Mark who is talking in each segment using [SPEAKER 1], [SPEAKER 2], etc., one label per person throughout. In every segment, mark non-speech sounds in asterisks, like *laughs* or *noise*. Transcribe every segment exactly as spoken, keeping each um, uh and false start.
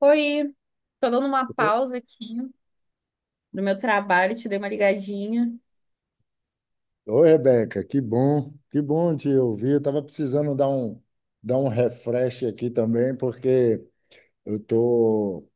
[SPEAKER 1] Oi, tô dando uma pausa aqui do meu trabalho, te dei uma ligadinha.
[SPEAKER 2] Oi, Rebeca, que bom, que bom te ouvir. Eu estava precisando dar um, dar um refresh aqui também, porque eu tô,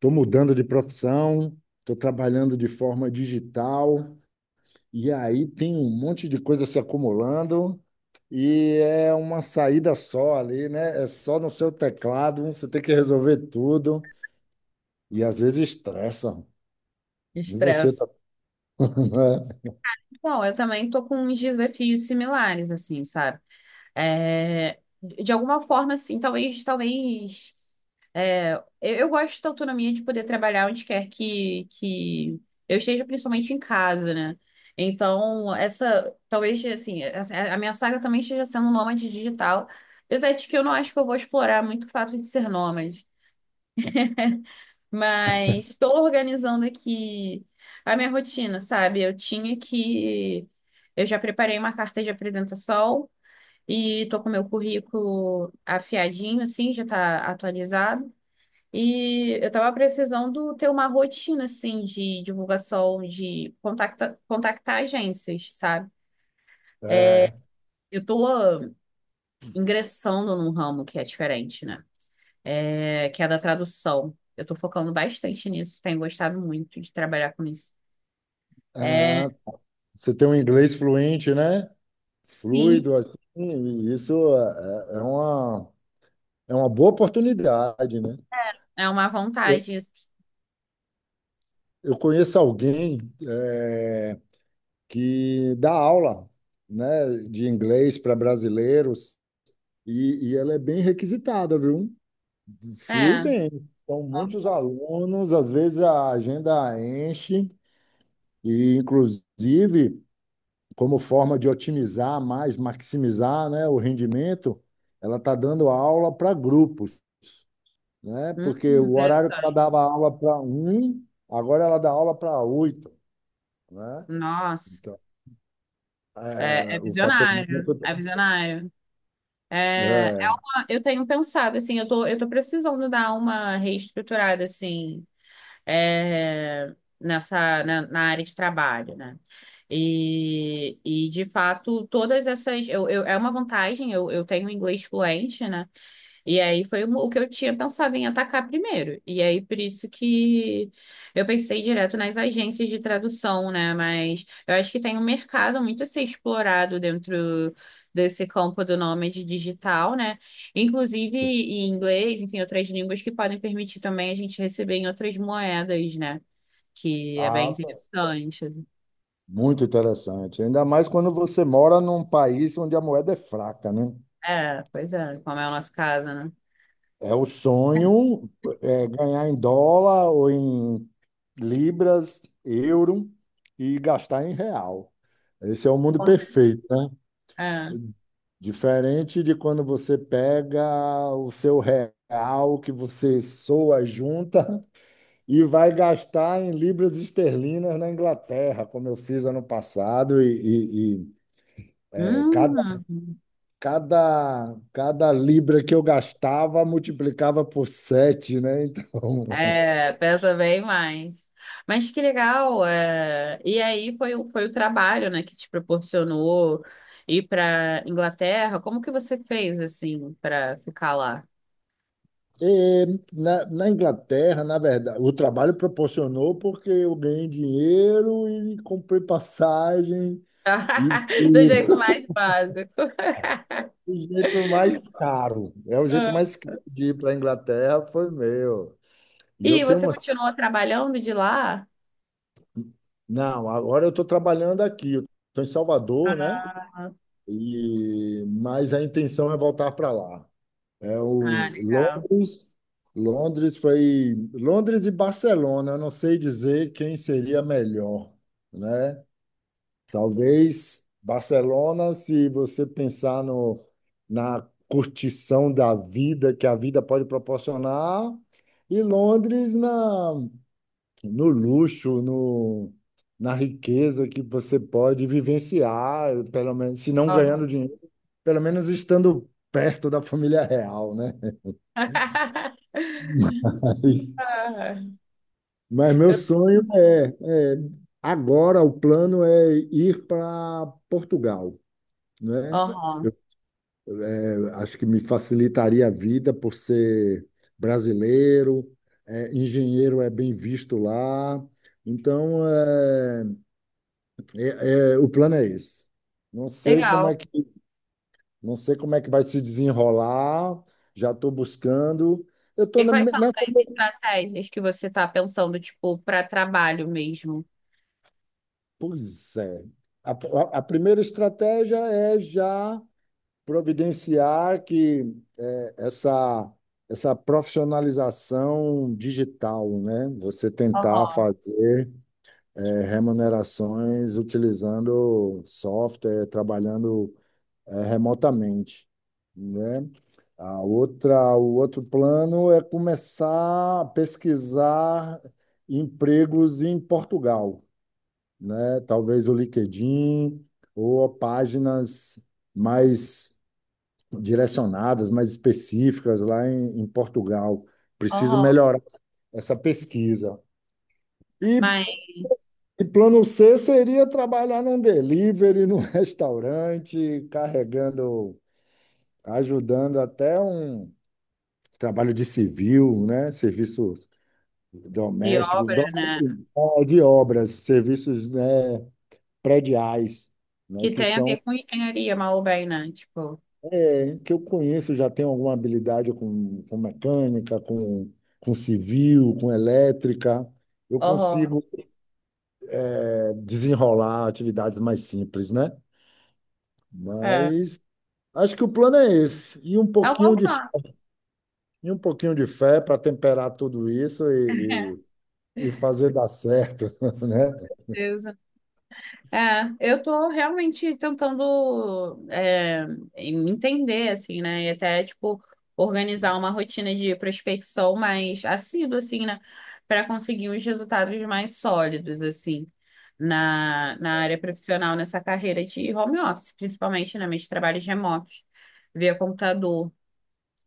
[SPEAKER 2] tô mudando de profissão, estou trabalhando de forma digital, e aí tem um monte de coisa se acumulando, e é uma saída só ali, né? É só no seu teclado, você tem que resolver tudo, e às vezes estressa. E você
[SPEAKER 1] Estresse.
[SPEAKER 2] tá. *laughs*
[SPEAKER 1] Bom, eu também tô com uns desafios similares, assim, sabe? É, de alguma forma, assim, talvez, talvez, é, eu, eu gosto da autonomia de poder trabalhar onde quer que, que eu esteja, principalmente em casa, né? Então, essa, talvez, assim, essa- a minha saga também esteja sendo nômade digital, apesar de que eu não acho que eu vou explorar muito o fato de ser nômade. Mas estou organizando aqui a minha rotina, sabe? Eu tinha que. Eu já preparei uma carta de apresentação e estou com meu currículo afiadinho, assim, já está atualizado. E eu estava precisando ter uma rotina, assim, de divulgação, de contacta, contactar agências, sabe? É,
[SPEAKER 2] É.
[SPEAKER 1] eu estou ingressando num ramo que é diferente, né? É, que é da tradução. Eu estou focando bastante nisso, tenho gostado muito de trabalhar com isso. É,
[SPEAKER 2] Ah, você tem um inglês fluente, né?
[SPEAKER 1] sim,
[SPEAKER 2] Fluido assim, e isso é, é é uma, é uma boa oportunidade, né?
[SPEAKER 1] é uma
[SPEAKER 2] Eu,
[SPEAKER 1] vantagem.
[SPEAKER 2] eu conheço alguém é, que dá aula, né, de inglês para brasileiros e, e ela é bem requisitada, viu? Flui
[SPEAKER 1] É,
[SPEAKER 2] bem. São muitos alunos, às vezes a agenda enche e, inclusive, como forma de otimizar mais, maximizar, né, o rendimento, ela está dando aula para grupos. Né?
[SPEAKER 1] hum,
[SPEAKER 2] Porque
[SPEAKER 1] hum,
[SPEAKER 2] o horário que ela
[SPEAKER 1] interessante.
[SPEAKER 2] dava aula para um, agora ela dá aula para oito, né?
[SPEAKER 1] Nossa,
[SPEAKER 2] Então,
[SPEAKER 1] é, é
[SPEAKER 2] é, o fator
[SPEAKER 1] visionário, é visionário. É, é,
[SPEAKER 2] é,
[SPEAKER 1] eu tenho pensado, assim, eu tô, eu tô precisando dar uma reestruturada, assim, é, nessa, na, na área de trabalho, né? E, e de fato, todas essas, eu, eu- é uma vantagem, eu, eu tenho inglês fluente, né? E aí foi o o que eu tinha pensado em atacar primeiro. E aí por isso que eu pensei direto nas agências de tradução, né? Mas eu acho que tem um mercado muito a ser explorado dentro desse campo do nômade digital, né? Inclusive em inglês, enfim, outras línguas que podem permitir também a gente receber em outras moedas, né? Que é bem
[SPEAKER 2] tá
[SPEAKER 1] interessante.
[SPEAKER 2] muito interessante, ainda mais quando você mora num país onde a moeda é fraca, né?
[SPEAKER 1] É, pois é, como é o nosso caso, né?
[SPEAKER 2] É o sonho é, ganhar em dólar ou em libras, euro e gastar em real. Esse é o mundo perfeito, né?
[SPEAKER 1] É.
[SPEAKER 2] Diferente de quando você pega o seu real que você soa, junta *laughs* e vai gastar em libras esterlinas na Inglaterra, como eu fiz ano passado, e, e- e, é, cada,
[SPEAKER 1] Hum.
[SPEAKER 2] cada, cada libra que eu gastava multiplicava por sete, né? Então, *laughs*
[SPEAKER 1] É, pesa bem mais. Mas que legal. é, E aí foi, o- foi o trabalho, né, que te proporcionou ir para Inglaterra. Como que você fez assim para ficar lá?
[SPEAKER 2] é, na, na Inglaterra, na verdade, o trabalho proporcionou porque eu ganhei dinheiro e comprei passagem.
[SPEAKER 1] *laughs*
[SPEAKER 2] E
[SPEAKER 1] Do
[SPEAKER 2] fui.
[SPEAKER 1] jeito mais básico.
[SPEAKER 2] O jeito
[SPEAKER 1] *laughs*
[SPEAKER 2] mais caro, é o jeito
[SPEAKER 1] Ah.
[SPEAKER 2] mais caro de ir para a Inglaterra foi meu. E eu
[SPEAKER 1] E
[SPEAKER 2] tenho
[SPEAKER 1] você
[SPEAKER 2] uma.
[SPEAKER 1] continuou trabalhando de lá?
[SPEAKER 2] Não, agora eu estou trabalhando aqui, eu estou em Salvador, né? E mas a intenção é voltar para lá. É
[SPEAKER 1] Ah,
[SPEAKER 2] o
[SPEAKER 1] legal.
[SPEAKER 2] Londres, Londres foi. Londres e Barcelona, eu não sei dizer quem seria melhor, né? Talvez Barcelona, se você pensar no, na curtição da vida que a vida pode proporcionar, e Londres na, no luxo, no, na riqueza que você pode vivenciar, pelo menos, se não
[SPEAKER 1] Aham.
[SPEAKER 2] ganhando dinheiro, pelo menos estando perto da família real, né?
[SPEAKER 1] *laughs*
[SPEAKER 2] *laughs*
[SPEAKER 1] Ah,
[SPEAKER 2] Mas meu sonho é, é agora o plano é ir para Portugal, né?
[SPEAKER 1] aham.
[SPEAKER 2] Acho que me facilitaria a vida por ser brasileiro, é, engenheiro é bem visto lá. Então, é, é- é, o plano é esse. Não sei como é
[SPEAKER 1] Legal.
[SPEAKER 2] que, não sei como é que vai se desenrolar. Já estou buscando. Eu
[SPEAKER 1] E
[SPEAKER 2] estou
[SPEAKER 1] quais são
[SPEAKER 2] nessa.
[SPEAKER 1] as estratégias que você está pensando, tipo, para trabalho mesmo?
[SPEAKER 2] Pois é. A, a a primeira estratégia é já providenciar que eh, essa, essa profissionalização digital, né? Você tentar fazer eh, remunerações utilizando software, trabalhando eh, remotamente, né? A outra, o outro plano é começar a pesquisar empregos em Portugal, né? Talvez o LinkedIn ou páginas mais direcionadas, mais específicas lá em, em Portugal. Preciso
[SPEAKER 1] Aham.
[SPEAKER 2] melhorar essa pesquisa. E,
[SPEAKER 1] Mas
[SPEAKER 2] e plano C seria trabalhar num delivery, num *laughs* restaurante, carregando, ajudando até um trabalho de civil, né? Serviço
[SPEAKER 1] de
[SPEAKER 2] doméstico,
[SPEAKER 1] obra, né?
[SPEAKER 2] doméstico, não, de obras, serviços, né, prediais, né,
[SPEAKER 1] Que
[SPEAKER 2] que
[SPEAKER 1] tem a ver
[SPEAKER 2] são.
[SPEAKER 1] com engenharia, mal ou bem, né? Tipo,
[SPEAKER 2] É, que eu conheço já tem alguma habilidade com, com mecânica, com, com civil, com elétrica. Eu
[SPEAKER 1] aham.
[SPEAKER 2] consigo é, desenrolar atividades mais simples, né?
[SPEAKER 1] É.
[SPEAKER 2] Mas acho que o plano é esse. E um
[SPEAKER 1] É uma
[SPEAKER 2] pouquinho de, fé-
[SPEAKER 1] boa
[SPEAKER 2] e um pouquinho de fé para temperar tudo isso e, e, e fazer dar certo, *laughs* né?
[SPEAKER 1] coisa. É, eu tô realmente tentando é, me entender, assim, né? E até, tipo, organizar uma rotina de prospecção mais assídua, assim, né? Para conseguir uns resultados mais sólidos, assim, na, na área profissional, nessa carreira de home office, principalmente, né? Meus trabalhos remotos, via computador.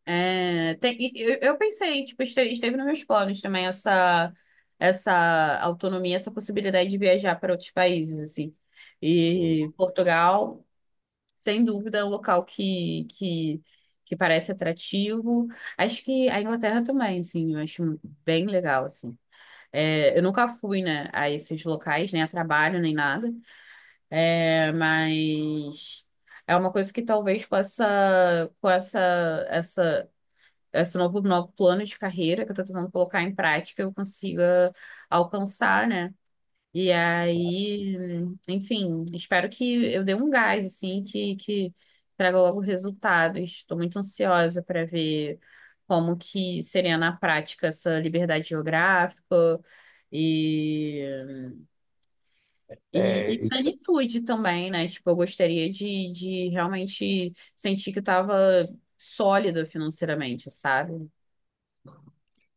[SPEAKER 1] É, tem- e- eu, eu pensei, tipo, este- esteve nos meus planos também essa, essa autonomia, essa possibilidade de viajar para outros países, assim. E Portugal, sem dúvida, é um local que, que, que parece atrativo. Acho que a Inglaterra também, assim, eu acho bem legal, assim. É, eu nunca fui, né, a esses locais, nem a trabalho, nem nada. É, mas é uma coisa que talvez com essa, com essa, essa esse novo, novo plano de carreira que eu tô tentando colocar em prática, eu consiga alcançar, né? E aí, enfim, espero que eu dê um gás, assim, que, que traga logo resultados. Estou muito ansiosa para ver como que seria na prática essa liberdade geográfica e, e,
[SPEAKER 2] É,
[SPEAKER 1] e plenitude também, né? Tipo, eu gostaria de, de realmente sentir que eu estava sólida financeiramente, sabe?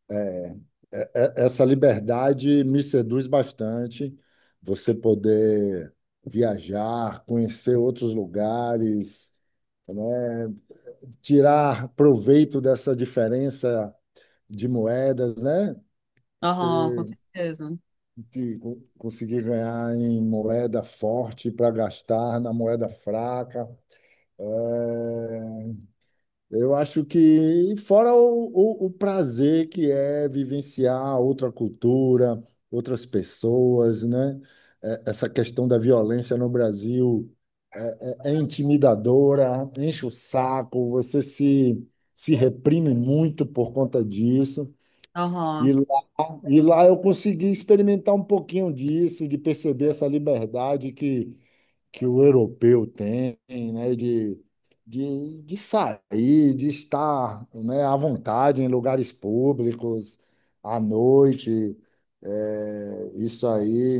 [SPEAKER 2] É, é- é- essa liberdade me seduz bastante. Você poder viajar, conhecer outros lugares, né? Tirar proveito dessa diferença de moedas, né?
[SPEAKER 1] Aham, com certeza.
[SPEAKER 2] De co- conseguir ganhar em moeda forte para gastar na moeda fraca. É, eu acho que, fora o, o, o prazer que é vivenciar outra cultura, outras pessoas, né? É, essa questão da violência no Brasil é intimidadora, enche o saco, você se, se reprime muito por conta disso. E
[SPEAKER 1] Aham.
[SPEAKER 2] lá, e lá eu consegui experimentar um pouquinho disso, de perceber essa liberdade que que o europeu tem, né, de, de, de sair, de estar, né, à vontade em lugares públicos, à noite. É, isso aí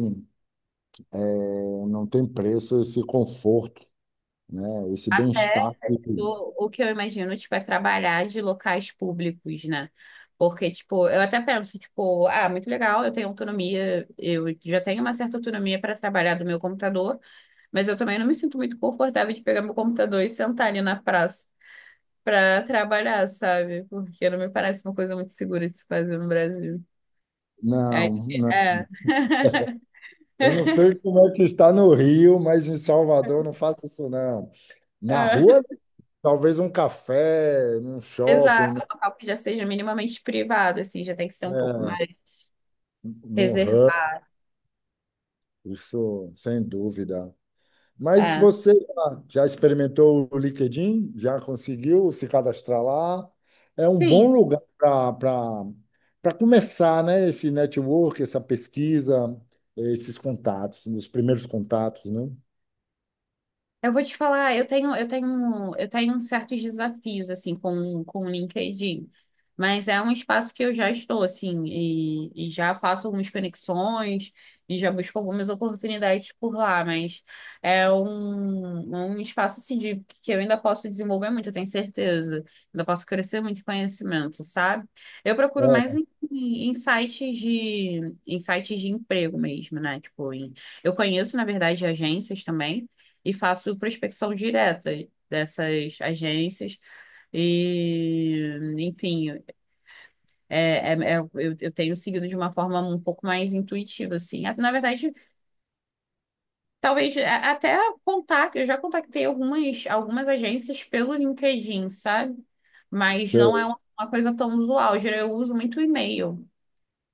[SPEAKER 2] é, não tem preço, esse conforto, né, esse
[SPEAKER 1] Até
[SPEAKER 2] bem-estar. Que
[SPEAKER 1] o, o que eu imagino, tipo, é trabalhar de locais públicos, né? Porque, tipo, eu até penso, tipo, ah, muito legal, eu tenho autonomia, eu já tenho uma certa autonomia para trabalhar do meu computador, mas eu também não me sinto muito confortável de pegar meu computador e sentar ali na praça para trabalhar, sabe? Porque não me parece uma coisa muito segura de se fazer no Brasil. Aí,
[SPEAKER 2] não, não.
[SPEAKER 1] é.
[SPEAKER 2] Eu não sei como é que está no Rio, mas em Salvador eu não faço isso, não. Na rua,
[SPEAKER 1] *laughs* É.
[SPEAKER 2] talvez um café, num shopping,
[SPEAKER 1] Exato,
[SPEAKER 2] num,
[SPEAKER 1] é um local que já seja minimamente privado, assim, já tem que ser um pouco
[SPEAKER 2] é,
[SPEAKER 1] mais.
[SPEAKER 2] num hub,
[SPEAKER 1] Reservar.
[SPEAKER 2] isso sem dúvida. Mas
[SPEAKER 1] É.
[SPEAKER 2] você já, já experimentou o LinkedIn? Já conseguiu se cadastrar lá? É um
[SPEAKER 1] Sim,
[SPEAKER 2] bom lugar para para começar, né? Esse network, essa pesquisa, esses contatos, os primeiros contatos, né?
[SPEAKER 1] eu vou te falar, eu tenho, eu tenho, eu tenho uns certos desafios assim com, com o LinkedIn, mas é um espaço que eu já estou assim e, e já faço algumas conexões e já busco algumas oportunidades por lá, mas é um, é um espaço assim, de, que eu ainda posso desenvolver muito, eu tenho certeza, ainda posso crescer muito em conhecimento, sabe? Eu procuro mais
[SPEAKER 2] É,
[SPEAKER 1] em, em sites de, em sites de emprego mesmo, né? Tipo, em- eu conheço na verdade agências também e faço prospecção direta dessas agências e, enfim, é, é- é- eu, eu tenho seguido de uma forma um pouco mais intuitiva, assim. Ah, na verdade, talvez até contar, eu já contactei algumas, algumas agências pelo LinkedIn, sabe? Mas não é
[SPEAKER 2] você-
[SPEAKER 1] uma uma coisa tão usual. Geral, eu uso muito e-mail,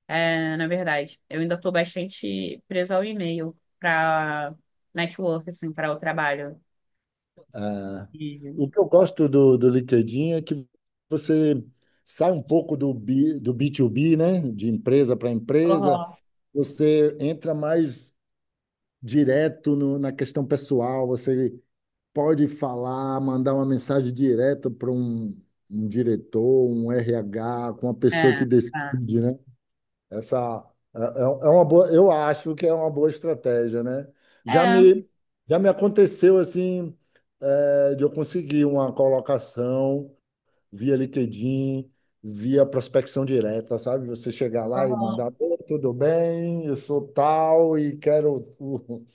[SPEAKER 1] é, na verdade. Eu ainda estou bastante presa ao e-mail para network, assim, para o trabalho.
[SPEAKER 2] é.
[SPEAKER 1] E-
[SPEAKER 2] O que eu gosto do, do LinkedIn é que você sai um pouco do, B, do B dois B, né? De empresa para empresa,
[SPEAKER 1] uhum.
[SPEAKER 2] você entra mais direto no- na questão pessoal, você pode falar, mandar uma mensagem direto para um, um diretor, um R H, com uma pessoa que
[SPEAKER 1] É, é.
[SPEAKER 2] decide, né? Essa é, é é uma boa, eu acho que é uma boa estratégia, né? Já
[SPEAKER 1] É,
[SPEAKER 2] me, já me aconteceu assim, é, de eu conseguir uma colocação via LinkedIn, via prospecção direta, sabe? Você chegar lá e
[SPEAKER 1] uhum.
[SPEAKER 2] mandar, "Oi, tudo bem, eu sou tal e quero o,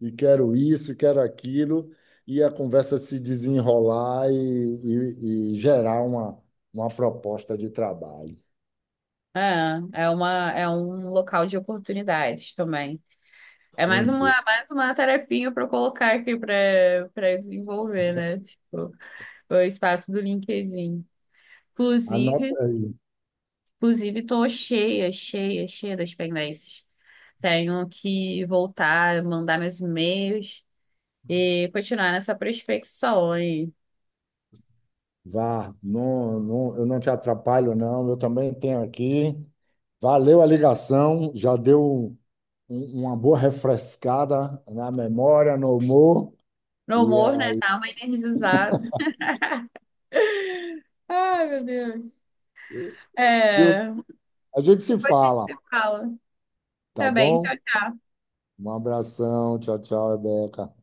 [SPEAKER 2] e quero isso, e quero aquilo, e a conversa se desenrolar e, e- e gerar uma, uma proposta de trabalho.
[SPEAKER 1] É, é uma, é um local de oportunidades também. É mais
[SPEAKER 2] Sem
[SPEAKER 1] uma,
[SPEAKER 2] dúvida.
[SPEAKER 1] mais uma tarefinha para eu colocar aqui para para desenvolver, né? Tipo, o espaço do LinkedIn.
[SPEAKER 2] Anota
[SPEAKER 1] Inclusive,
[SPEAKER 2] aí,
[SPEAKER 1] inclusive tô cheia, cheia, cheia das pendências. Tenho que voltar, mandar meus e-mails e continuar nessa prospecção aí.
[SPEAKER 2] vá, não, não, eu não te atrapalho, não, eu também tenho aqui. Valeu a ligação, já deu um- um, uma boa refrescada na memória, no humor,
[SPEAKER 1] No
[SPEAKER 2] e
[SPEAKER 1] humor, né?
[SPEAKER 2] aí,
[SPEAKER 1] Calma, energizada. Ai, meu Deus.
[SPEAKER 2] viu?
[SPEAKER 1] É,
[SPEAKER 2] A gente se fala,
[SPEAKER 1] você fala.
[SPEAKER 2] tá
[SPEAKER 1] Tá bem,
[SPEAKER 2] bom?
[SPEAKER 1] tchau.
[SPEAKER 2] Um abração, tchau, tchau, Rebeca.